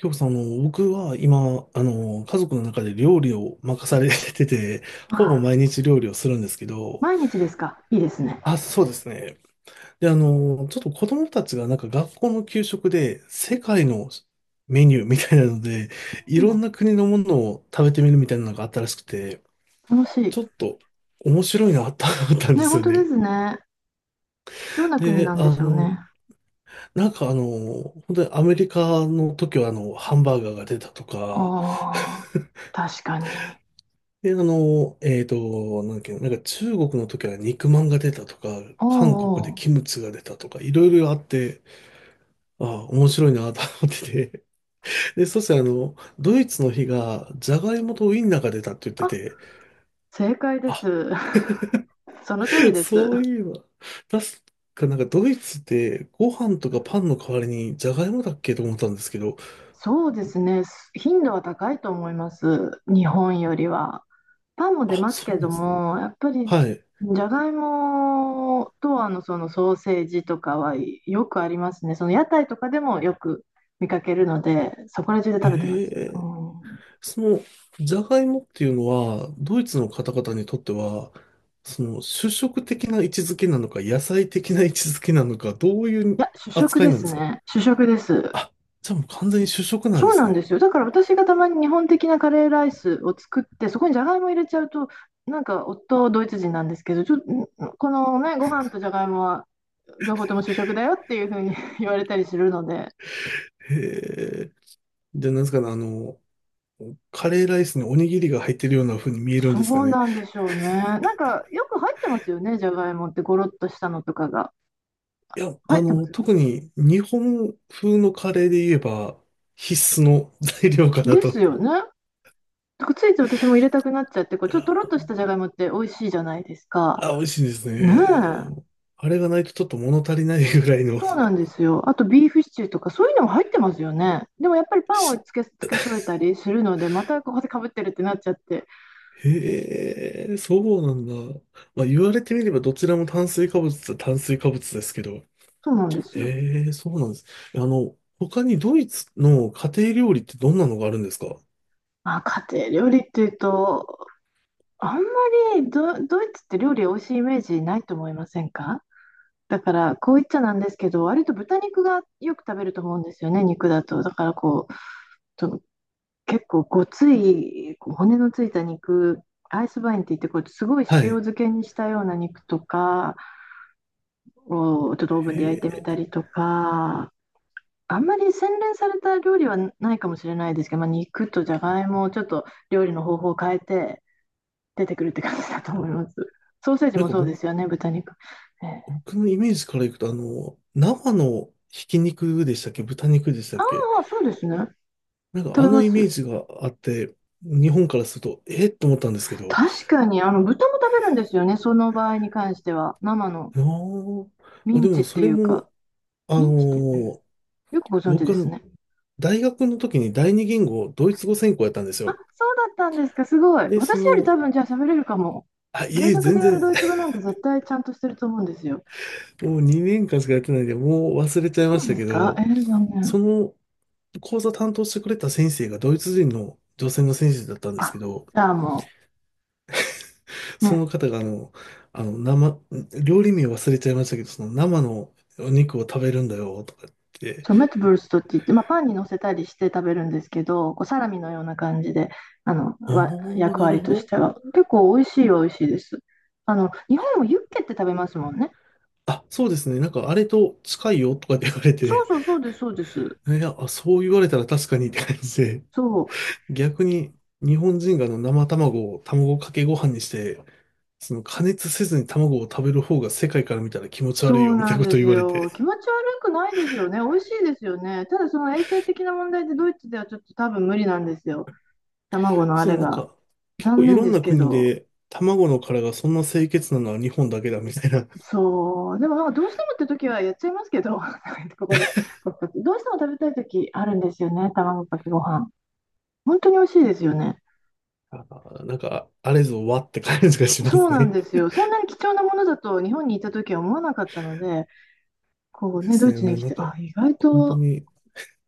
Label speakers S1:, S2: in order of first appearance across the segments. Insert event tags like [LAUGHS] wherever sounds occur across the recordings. S1: 今日さん、僕は今、家族の中で料理を任されてて、ほぼ
S2: あ、
S1: 毎日料理をするんですけど、
S2: 毎日ですか。いいですね。
S1: あ、そうですね。で、ちょっと子供たちがなんか学校の給食で世界のメニューみたいなので、い
S2: う
S1: ろん
S2: ん、
S1: な国のものを食べてみるみたいなのがあったらしくて、
S2: 楽しい。
S1: ちょっと面白いなと思ったんで
S2: ね、
S1: す
S2: 本
S1: よ
S2: 当で
S1: ね。
S2: すね。どんな国
S1: で、
S2: なんでしょうね。
S1: なんか本当にアメリカの時はハンバーガーが出たとか、
S2: ああ、確かに。
S1: で、なんだっけ、なんか中国の時は肉まんが出たとか、
S2: お
S1: 韓国
S2: う
S1: で
S2: おう。
S1: キムチが出たとか、いろいろあって、ああ、面白いなと思ってて。[LAUGHS] で、そしてドイツの日が、じゃがいもとウインナーが出たって言って
S2: あ、
S1: て、
S2: 正解で
S1: あ、
S2: す。[LAUGHS] その通り
S1: [LAUGHS]
S2: です。
S1: そういえば、確かなんかドイツってご飯とかパンの代わりにじゃがいもだっけと思ったんですけど、
S2: そうですね。頻度は高いと思います。日本よりは。パンも出
S1: あ、
S2: ます
S1: そう
S2: け
S1: なん
S2: ど
S1: ですね。
S2: も、やっぱり
S1: はい。
S2: じゃがいもとあのそのソーセージとかはよくありますね。その屋台とかでもよく見かけるので、そこら中で
S1: え
S2: 食べてます。う
S1: え、
S2: ん、い
S1: その、ジャガイモっていうのは、ドイツの方々にとっては、主食的な位置づけなのか、野菜的な位置づけなのか、どういう
S2: や、主食
S1: 扱い
S2: で
S1: なん
S2: す
S1: ですか？
S2: ね。主食です。
S1: あ、じゃあもう完全に主食なん
S2: そ
S1: で
S2: うな
S1: す
S2: ん
S1: ね。
S2: ですよ。だから私がたまに日本的なカレーライスを作って、そこにじゃがいも入れちゃうと、なんか夫ドイツ人なんですけど、このね、ご飯とじゃがいもは両方とも主食だよっていうふうに [LAUGHS] 言われたりするので。
S1: へえ。で、なんですかね、カレーライスにおにぎりが入ってるような風に見えるん
S2: そ
S1: ですか
S2: う
S1: ね。
S2: なんでしょうね。なんか、よく入ってますよね、じゃがいもって、ゴロッとしたのとかが。
S1: いや、
S2: 入ってますよね。
S1: 特に日本風のカレーで言えば、必須の材料かな
S2: で
S1: と。
S2: すよね。だからついつい私も入れたくなっちゃって、こう、ちょっととろっとしたじゃがいもって美味しいじゃないですか。
S1: あ、美味しいです
S2: ねえ。
S1: ね。あれがないとちょっと物足りないぐらいの。
S2: そうなんですよ。あと、ビーフシチューとか、そういうのも入ってますよね。でも、やっぱりパンを
S1: し
S2: つけ、つけ添えたりするので、またここでかぶってるってなっちゃって。
S1: へえ、そうなんだ。まあ、言われてみればどちらも炭水化物っちゃ炭水化物ですけど。
S2: そうなんですよ。
S1: へえ、そうなんです。他にドイツの家庭料理ってどんなのがあるんですか？
S2: まあ、家庭料理っていうと、あんまりドイツって料理美味しいイメージないと思いませんか？だから、こう言っちゃなんですけど、割と豚肉がよく食べると思うんですよね、肉だと。だからこう、その結構ごつい、こう骨のついた肉、アイスバインって言って、こうすごい塩
S1: はい。
S2: 漬けにしたような肉とかをちょっとオーブ
S1: へ
S2: ンで焼いてみた
S1: え、
S2: りとか、あんまり洗練された料理はないかもしれないですけど、まあ、肉とじゃがいもをちょっと料理の方法を変えて出てくるって感じだと思います。ソーセージ
S1: なん
S2: も
S1: か
S2: そうですよね、豚肉。えー
S1: 僕のイメージからいくと、生のひき肉でしたっけ豚肉でしたっけ？
S2: ああ、そうですね。
S1: なんかあ
S2: 食べ
S1: の
S2: ま
S1: イメー
S2: す。
S1: ジがあって、日本からすると、えっと思ったんですけど。
S2: 確かに、あの、豚も食べるんですよね、その場合に関しては。生の
S1: あーま
S2: ミ
S1: あ、
S2: ン
S1: で
S2: チ
S1: も
S2: っ
S1: そ
S2: て
S1: れ
S2: いうか、
S1: も、あ
S2: ミ
S1: の
S2: ンチってね、
S1: ー
S2: よくご存知で
S1: 僕
S2: す
S1: は
S2: ね。
S1: 大学の時に第二言語、ドイツ語専攻やったんです
S2: あ、
S1: よ。
S2: そうだったんですか、すごい。
S1: で、
S2: 私より多分、じゃあ喋れるかも。
S1: あ、い
S2: 大
S1: え、
S2: 学
S1: 全
S2: でやる
S1: 然、
S2: ドイツ語
S1: [LAUGHS]
S2: なんて絶対ちゃんとしてると思うんですよ。
S1: もう2年間しかやってないんで、もう忘れちゃい
S2: そ
S1: まし
S2: う
S1: た
S2: で
S1: け
S2: すか？え
S1: ど、
S2: ー、残念。
S1: その講座担当してくれた先生がドイツ人の女性の先生だったんです
S2: あ、
S1: けど、
S2: じゃあもう、
S1: その
S2: ね、
S1: 方があの、生、料理名忘れちゃいましたけど、その生のお肉を食べるんだよ、とか言って、
S2: そう、メットブルストって言って、まあ、パンに乗せたりして食べるんですけど、こうサラミのような感じで、
S1: ああ、
S2: 役
S1: なる
S2: 割
S1: ほ
S2: とし
S1: ど。
S2: ては。結構美味しいは美味しいです。あの、日本もユッケって食べますもんね。
S1: あ、そうですね。なんか、あれと近いよとかって言われ
S2: そう
S1: て、
S2: そうそうです、そうです。
S1: いや、あそう言われたら確かにって感じで、
S2: そう、
S1: 逆に日本人があの生卵を卵かけご飯にして、その加熱せずに卵を食べる方が世界から見たら気持ち
S2: そ
S1: 悪い
S2: う
S1: よみ
S2: な
S1: たい
S2: ん
S1: なこ
S2: で
S1: と
S2: す
S1: 言われて。
S2: よ。気持ち悪くないですよね。美味しいですよね。ただその衛生的な問題でドイツではちょっと多分無理なんですよ。
S1: [LAUGHS]
S2: 卵のあ
S1: それ
S2: れ
S1: なん
S2: が。
S1: か結構
S2: 残
S1: い
S2: 念
S1: ろん
S2: です
S1: な
S2: け
S1: 国
S2: ど。
S1: で卵の殻がそんな清潔なのは日本だけだみたいな、
S2: そう。でもなんかどうしてもって時はやっちゃいますけど、[LAUGHS] ここで。どうしても食べたい時あるんですよね。卵かけご飯。本当に美味しいですよね。
S1: [LAUGHS] あ、なんかあれぞわって感じがしま
S2: そう
S1: す
S2: なん
S1: ね。
S2: ですよ。そんなに貴重なものだと日本にいた時は思わなかったので、こ
S1: [LAUGHS]
S2: う
S1: で
S2: ね、ド
S1: す
S2: イ
S1: ね。
S2: ツ
S1: も
S2: に
S1: う
S2: 来
S1: な
S2: て、
S1: んか
S2: あ、意外
S1: 本当
S2: と
S1: に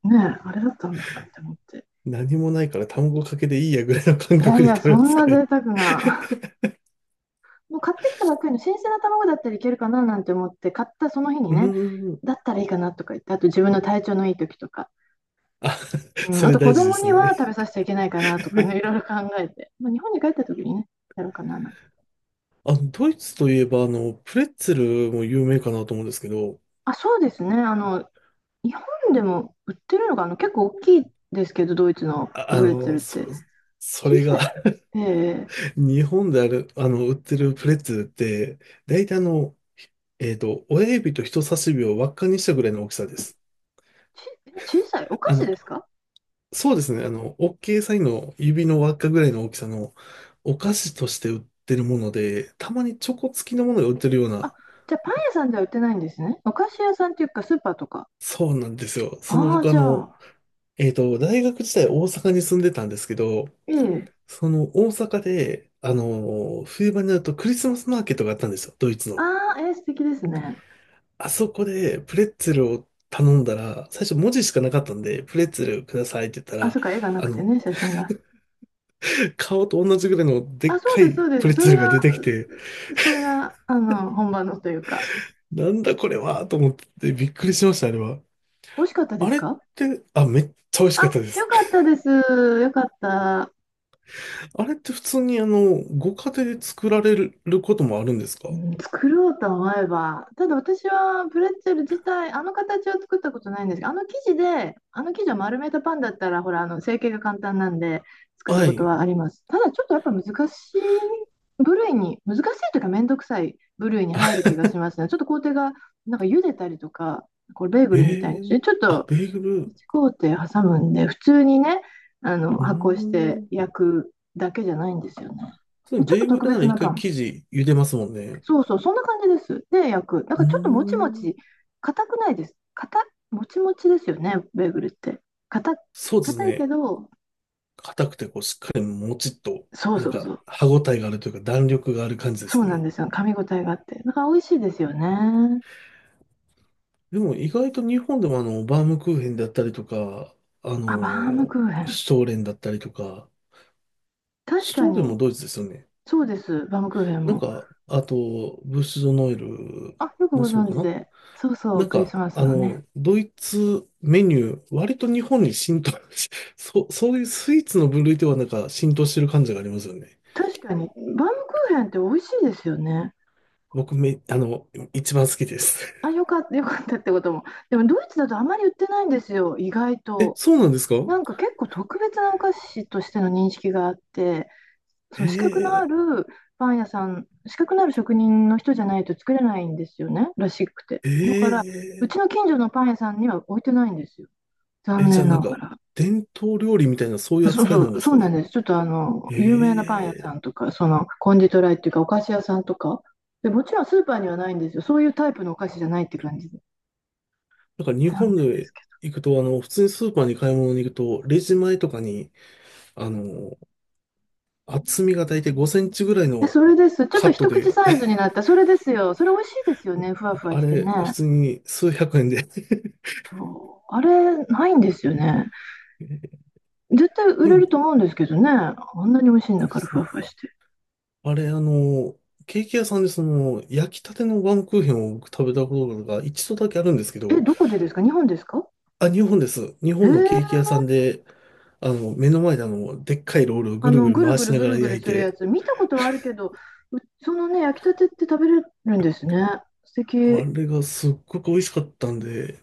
S2: ねえ、あれだったんだなって思って。
S1: 何もないから卵かけでいいやぐらいの感
S2: いやい
S1: 覚で
S2: や、
S1: 食
S2: そ
S1: べま
S2: ん
S1: すか
S2: な
S1: ら
S2: 贅
S1: ね。
S2: 沢な。
S1: [LAUGHS]
S2: [LAUGHS] もう買ってきたばっかりの新鮮な卵だったらいけるかななんて思って、買ったその日に
S1: う
S2: ね、
S1: ーん。
S2: だったらいいかなとか言って、あと自分の体調のいい時とか、
S1: あ、
S2: うん、
S1: そ
S2: あ
S1: れ
S2: と子
S1: 大事で
S2: 供
S1: す
S2: には
S1: ね。
S2: 食べさせちゃいけないかなとかね、いろいろ考えて、まあ、日本に帰った時にね、やろうかななんて。
S1: あ、ドイツといえば、プレッツェルも有名かなと思うんですけど、
S2: あ、そうですね。あの、日本でも売ってるのが、あの、結構大きいですけど、ドイツの
S1: あ、
S2: ブレッツェルっ
S1: そ
S2: て。
S1: う、そ
S2: 小
S1: れ
S2: さ
S1: が
S2: い。えー、
S1: [LAUGHS] 日本である、売ってるプレッツェルって、大体親指と人差し指を輪っかにしたぐらいの大きさです。
S2: 小さい。お菓
S1: あ
S2: 子
S1: の、
S2: ですか？
S1: そうですね、OK サインの指の輪っかぐらいの大きさのお菓子として売ってるもので、たまにチョコ付きのものが売ってるよう
S2: あ、
S1: な、
S2: じゃあパン屋さんでは売ってないんですね。お菓子屋さんっていうかスーパーとか。
S1: そうなんですよ。その
S2: ああ、
S1: 僕あ
S2: じゃ
S1: の、
S2: あ、
S1: えっと、大学時代大阪に住んでたんですけど、
S2: ええ。
S1: その大阪で、あの冬場になるとクリスマスマーケットがあったんですよ、ドイツの。
S2: ああ、ええ、素敵ですね。
S1: あそこでプレッツェルを頼んだら、最初文字しかなかったんで、プレッツェルくださいって言った
S2: あ、
S1: ら、
S2: そっか、絵がな
S1: あ
S2: くて
S1: の、
S2: ね、写真が。
S1: 顔と同じぐらいので
S2: あ、
S1: っ
S2: そう
S1: か
S2: です、そ
S1: い
S2: うで
S1: プ
S2: す。
S1: レッ
S2: そ
S1: ツェ
S2: れ
S1: ルが出
S2: が、
S1: てきて、
S2: それが、あの、本場のというか。
S1: なんだこれはと思ってびっくりしました、あれは。
S2: 美味しかったで
S1: あ
S2: す
S1: れっ
S2: か？
S1: て、あ、めっちゃ美味し
S2: あ、
S1: かったで
S2: よ
S1: す。
S2: かったです。よかった。
S1: [LAUGHS] あれって普通にご家庭で作られることもあるんです
S2: う
S1: か？
S2: ん、作ろうと思えば、ただ私はプレッツェル自体、あの形を作ったことないんですがあの生地で、あの生地を丸めたパンだったら、ほら、あの成形が簡単なんで、作った
S1: は
S2: こと
S1: い。
S2: はあります。ただちょっとやっぱ難しい部類に、難しいというか、めんどくさい部類に入る気がしますね。ちょっと工程が、なんか茹でたりとか、これベーグ
S1: え
S2: ルみたいにし
S1: え、
S2: て、ちょっ
S1: あ、
S2: と
S1: ベーグル。
S2: 工程挟むんで、普通にね、あの
S1: うー
S2: 発酵して
S1: ん。
S2: 焼くだけじゃないんですよね。
S1: そう、
S2: ちょっ
S1: ベ
S2: と
S1: ーグ
S2: 特
S1: ルなら
S2: 別
S1: 一
S2: なパ
S1: 回
S2: ン。
S1: 生地茹でますもんね。
S2: そうそう、そんな感じです。で、焼く。なん
S1: う
S2: かちょっともちも
S1: ーん。
S2: ち、硬くないです。硬、もちもちですよね、ベーグルって。硬
S1: そうです
S2: 硬いけ
S1: ね。
S2: ど、
S1: 硬くてこうしっかりもちっと、
S2: そう
S1: な
S2: そ
S1: ん
S2: うそ
S1: か
S2: う。
S1: 歯ごたえがあるというか弾力がある感じで
S2: そ
S1: す
S2: う
S1: よ
S2: なん
S1: ね。
S2: ですよ。噛み応えがあって。なんか美味しいですよね。
S1: でも意外と日本でもバームクーヘンだったりとか、あ
S2: あ、バーム
S1: の、
S2: クーヘン。
S1: シュトーレンだったりとか、
S2: 確
S1: シュト
S2: か
S1: ーレンも
S2: に、
S1: ドイツですよね。
S2: そうです、バームクーヘン
S1: なん
S2: も。
S1: か、あと、ブッシュドノエル
S2: あ、よく
S1: も
S2: ご
S1: そう
S2: 存
S1: か
S2: 知
S1: な。
S2: で。そうそ
S1: な
S2: う、
S1: ん
S2: クリス
S1: か、
S2: マスのね。
S1: ドイツメニュー、割と日本に浸透し、[LAUGHS] そう、そういうスイーツの分類ではなんか浸透してる感じがありますよね。
S2: 確かに、バームクーヘンって美味しいですよね。
S1: 僕め、一番好きです。
S2: あ、よかった、よかったってことも。でも、ドイツだとあまり売ってないんですよ、意外
S1: [LAUGHS] え、
S2: と。
S1: そうなんですか？
S2: なんか結構特別なお菓子としての認識があって、その資格のあ
S1: ええ
S2: るパン屋さん、資格のある職人の人じゃないと作れないんですよね、らしくて。だから、う
S1: ええ
S2: ちの近所のパン屋さんには置いてないんですよ、
S1: え、
S2: 残
S1: じゃあ
S2: 念
S1: な
S2: な
S1: ん
S2: が
S1: か、
S2: ら。
S1: 伝統料理みたいなそういう
S2: そう
S1: 扱い
S2: そ
S1: なん
S2: う、
S1: です
S2: そう
S1: か
S2: なん
S1: ね。
S2: です。ちょっとあの、有名なパン屋さ
S1: ええ、
S2: んとか、そのコンディトライっていうか、お菓子屋さんとか、で、もちろんスーパーにはないんですよ。そういうタイプのお菓子じゃないって感じで。
S1: なんか日
S2: 残
S1: 本
S2: 念です
S1: で
S2: け
S1: 行くと、普通にスーパーに買い物に行くと、レジ前とかに、あの、厚みが大体5センチぐらい
S2: ど。え、
S1: の
S2: それです。ちょっ
S1: カ
S2: と
S1: ット
S2: 一口
S1: で
S2: サイズになった。それですよ。それ美味しいですよね。ふわ
S1: なん
S2: ふ
S1: か
S2: わ
S1: あ
S2: して
S1: れ、普
S2: ね。
S1: 通に数百円で [LAUGHS]
S2: そう、あれ、ないんですよね。絶対売
S1: で
S2: れる
S1: も
S2: と思うんですけどね。あんなに美味しいんだ
S1: で
S2: から、
S1: す
S2: ふ
S1: ね、
S2: わふわして。
S1: あれ、ケーキ屋さんでその、焼きたてのバームクーヘンを僕食べたことが一度だけあるんですけ
S2: え、
S1: ど、
S2: どこでですか？日本ですか？
S1: あ、日本です。日
S2: え
S1: 本のケーキ屋
S2: ー、
S1: さんで、目の前ででっかいロールを
S2: あ
S1: ぐる
S2: の、
S1: ぐる
S2: ぐる
S1: 回
S2: ぐ
S1: し
S2: る
S1: な
S2: ぐ
S1: がら
S2: るぐる
S1: 焼い
S2: するや
S1: て、
S2: つ、見たことはあるけど、うそのね、焼きたてって食べれるんですね。素
S1: あ
S2: 敵。
S1: れがすっごく美味しかったんで、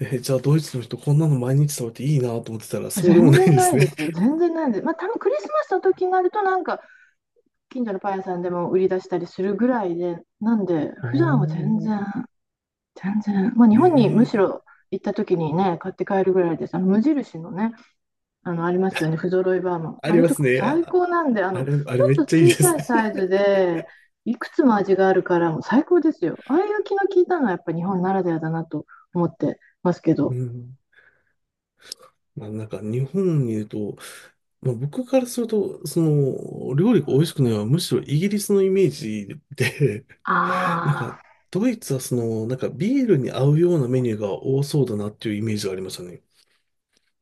S1: じゃあドイツの人こんなの毎日食べていいなと思ってたら、そうでも
S2: 全
S1: ない
S2: 然
S1: で
S2: な
S1: す
S2: いで
S1: ね。
S2: すよ。全然ないです。まあ、多分クリスマスの時になると、なんか、近所のパン屋さんでも売り出したりするぐらいで、なんで、
S1: [LAUGHS] あ
S2: 普段は
S1: ー
S2: 全然、まあ、
S1: え
S2: 日本にむし
S1: ー
S2: ろ行った時にね、買って帰るぐらいです。あの無印のね、あの、ありますよね。不揃いバーマン。
S1: あ
S2: あ
S1: り
S2: れ
S1: ま
S2: と
S1: す
S2: かも
S1: ね。
S2: 最高なんで、あの、
S1: あ
S2: ち
S1: れめ
S2: ょ
S1: っ
S2: っと
S1: ちゃいいで
S2: 小さい
S1: す
S2: サイ
S1: ね。
S2: ズで、いくつも味があるから、もう最高ですよ。ああいう気の利いたのはやっぱ日本ならではだなと思ってますけ
S1: う
S2: ど。
S1: ん。まあなんか日本にいると、まあ、僕からすると、その料理が美味しくないのはむしろイギリスのイメージで、[LAUGHS] なんか
S2: ああ、
S1: ドイツはそのなんかビールに合うようなメニューが多そうだなっていうイメージがありましたね。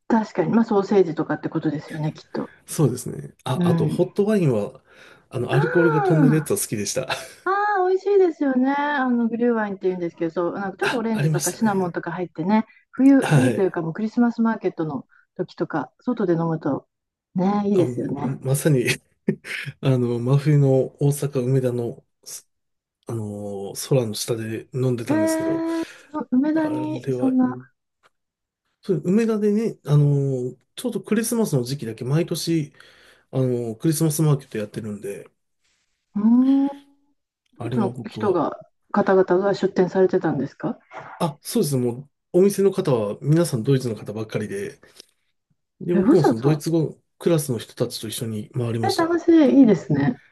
S2: 確かに。まあ、ソーセージとかってことですよね、きっと。
S1: そうですね。あ、
S2: う
S1: あと
S2: ん。
S1: ホットワインはあのアルコールが飛ん
S2: あ
S1: でるやつは好きでした。[LAUGHS]
S2: ああ、美味しいですよね。あの、グリューワインって言うんですけど、そう、なんかちょっとオ
S1: あ、
S2: レン
S1: あ
S2: ジ
S1: り
S2: と
S1: ま
S2: か
S1: した
S2: シナモン
S1: ね。
S2: とか入ってね、
S1: は
S2: 冬という
S1: い。
S2: かもうクリスマスマーケットの時とか、外で飲むと、ね、いい
S1: あ、
S2: ですよ
S1: もう
S2: ね。
S1: まさに [LAUGHS] あの真冬の大阪梅田の、すあのー空の下で飲んで
S2: へ
S1: たんですけど、
S2: え、梅田
S1: あれ
S2: にそんう
S1: は
S2: な、ん
S1: そう、梅田でね、ちょうどクリスマスの時期だけ毎年、あのクリスマスマーケットやってるんで、
S2: うーん、ド
S1: あ
S2: イ
S1: れ
S2: ツ
S1: は
S2: の
S1: 僕
S2: 人
S1: は、
S2: が、方々が出店されてたんですか？
S1: あ、そうですね、もう、お店の方は皆さんドイツの方ばっかりで、で、
S2: え、わ
S1: 僕も
S2: ざわ
S1: そのドイ
S2: ざ、
S1: ツ語クラスの人たちと一緒に回りま
S2: え、
S1: した。
S2: 楽しい、いいですね。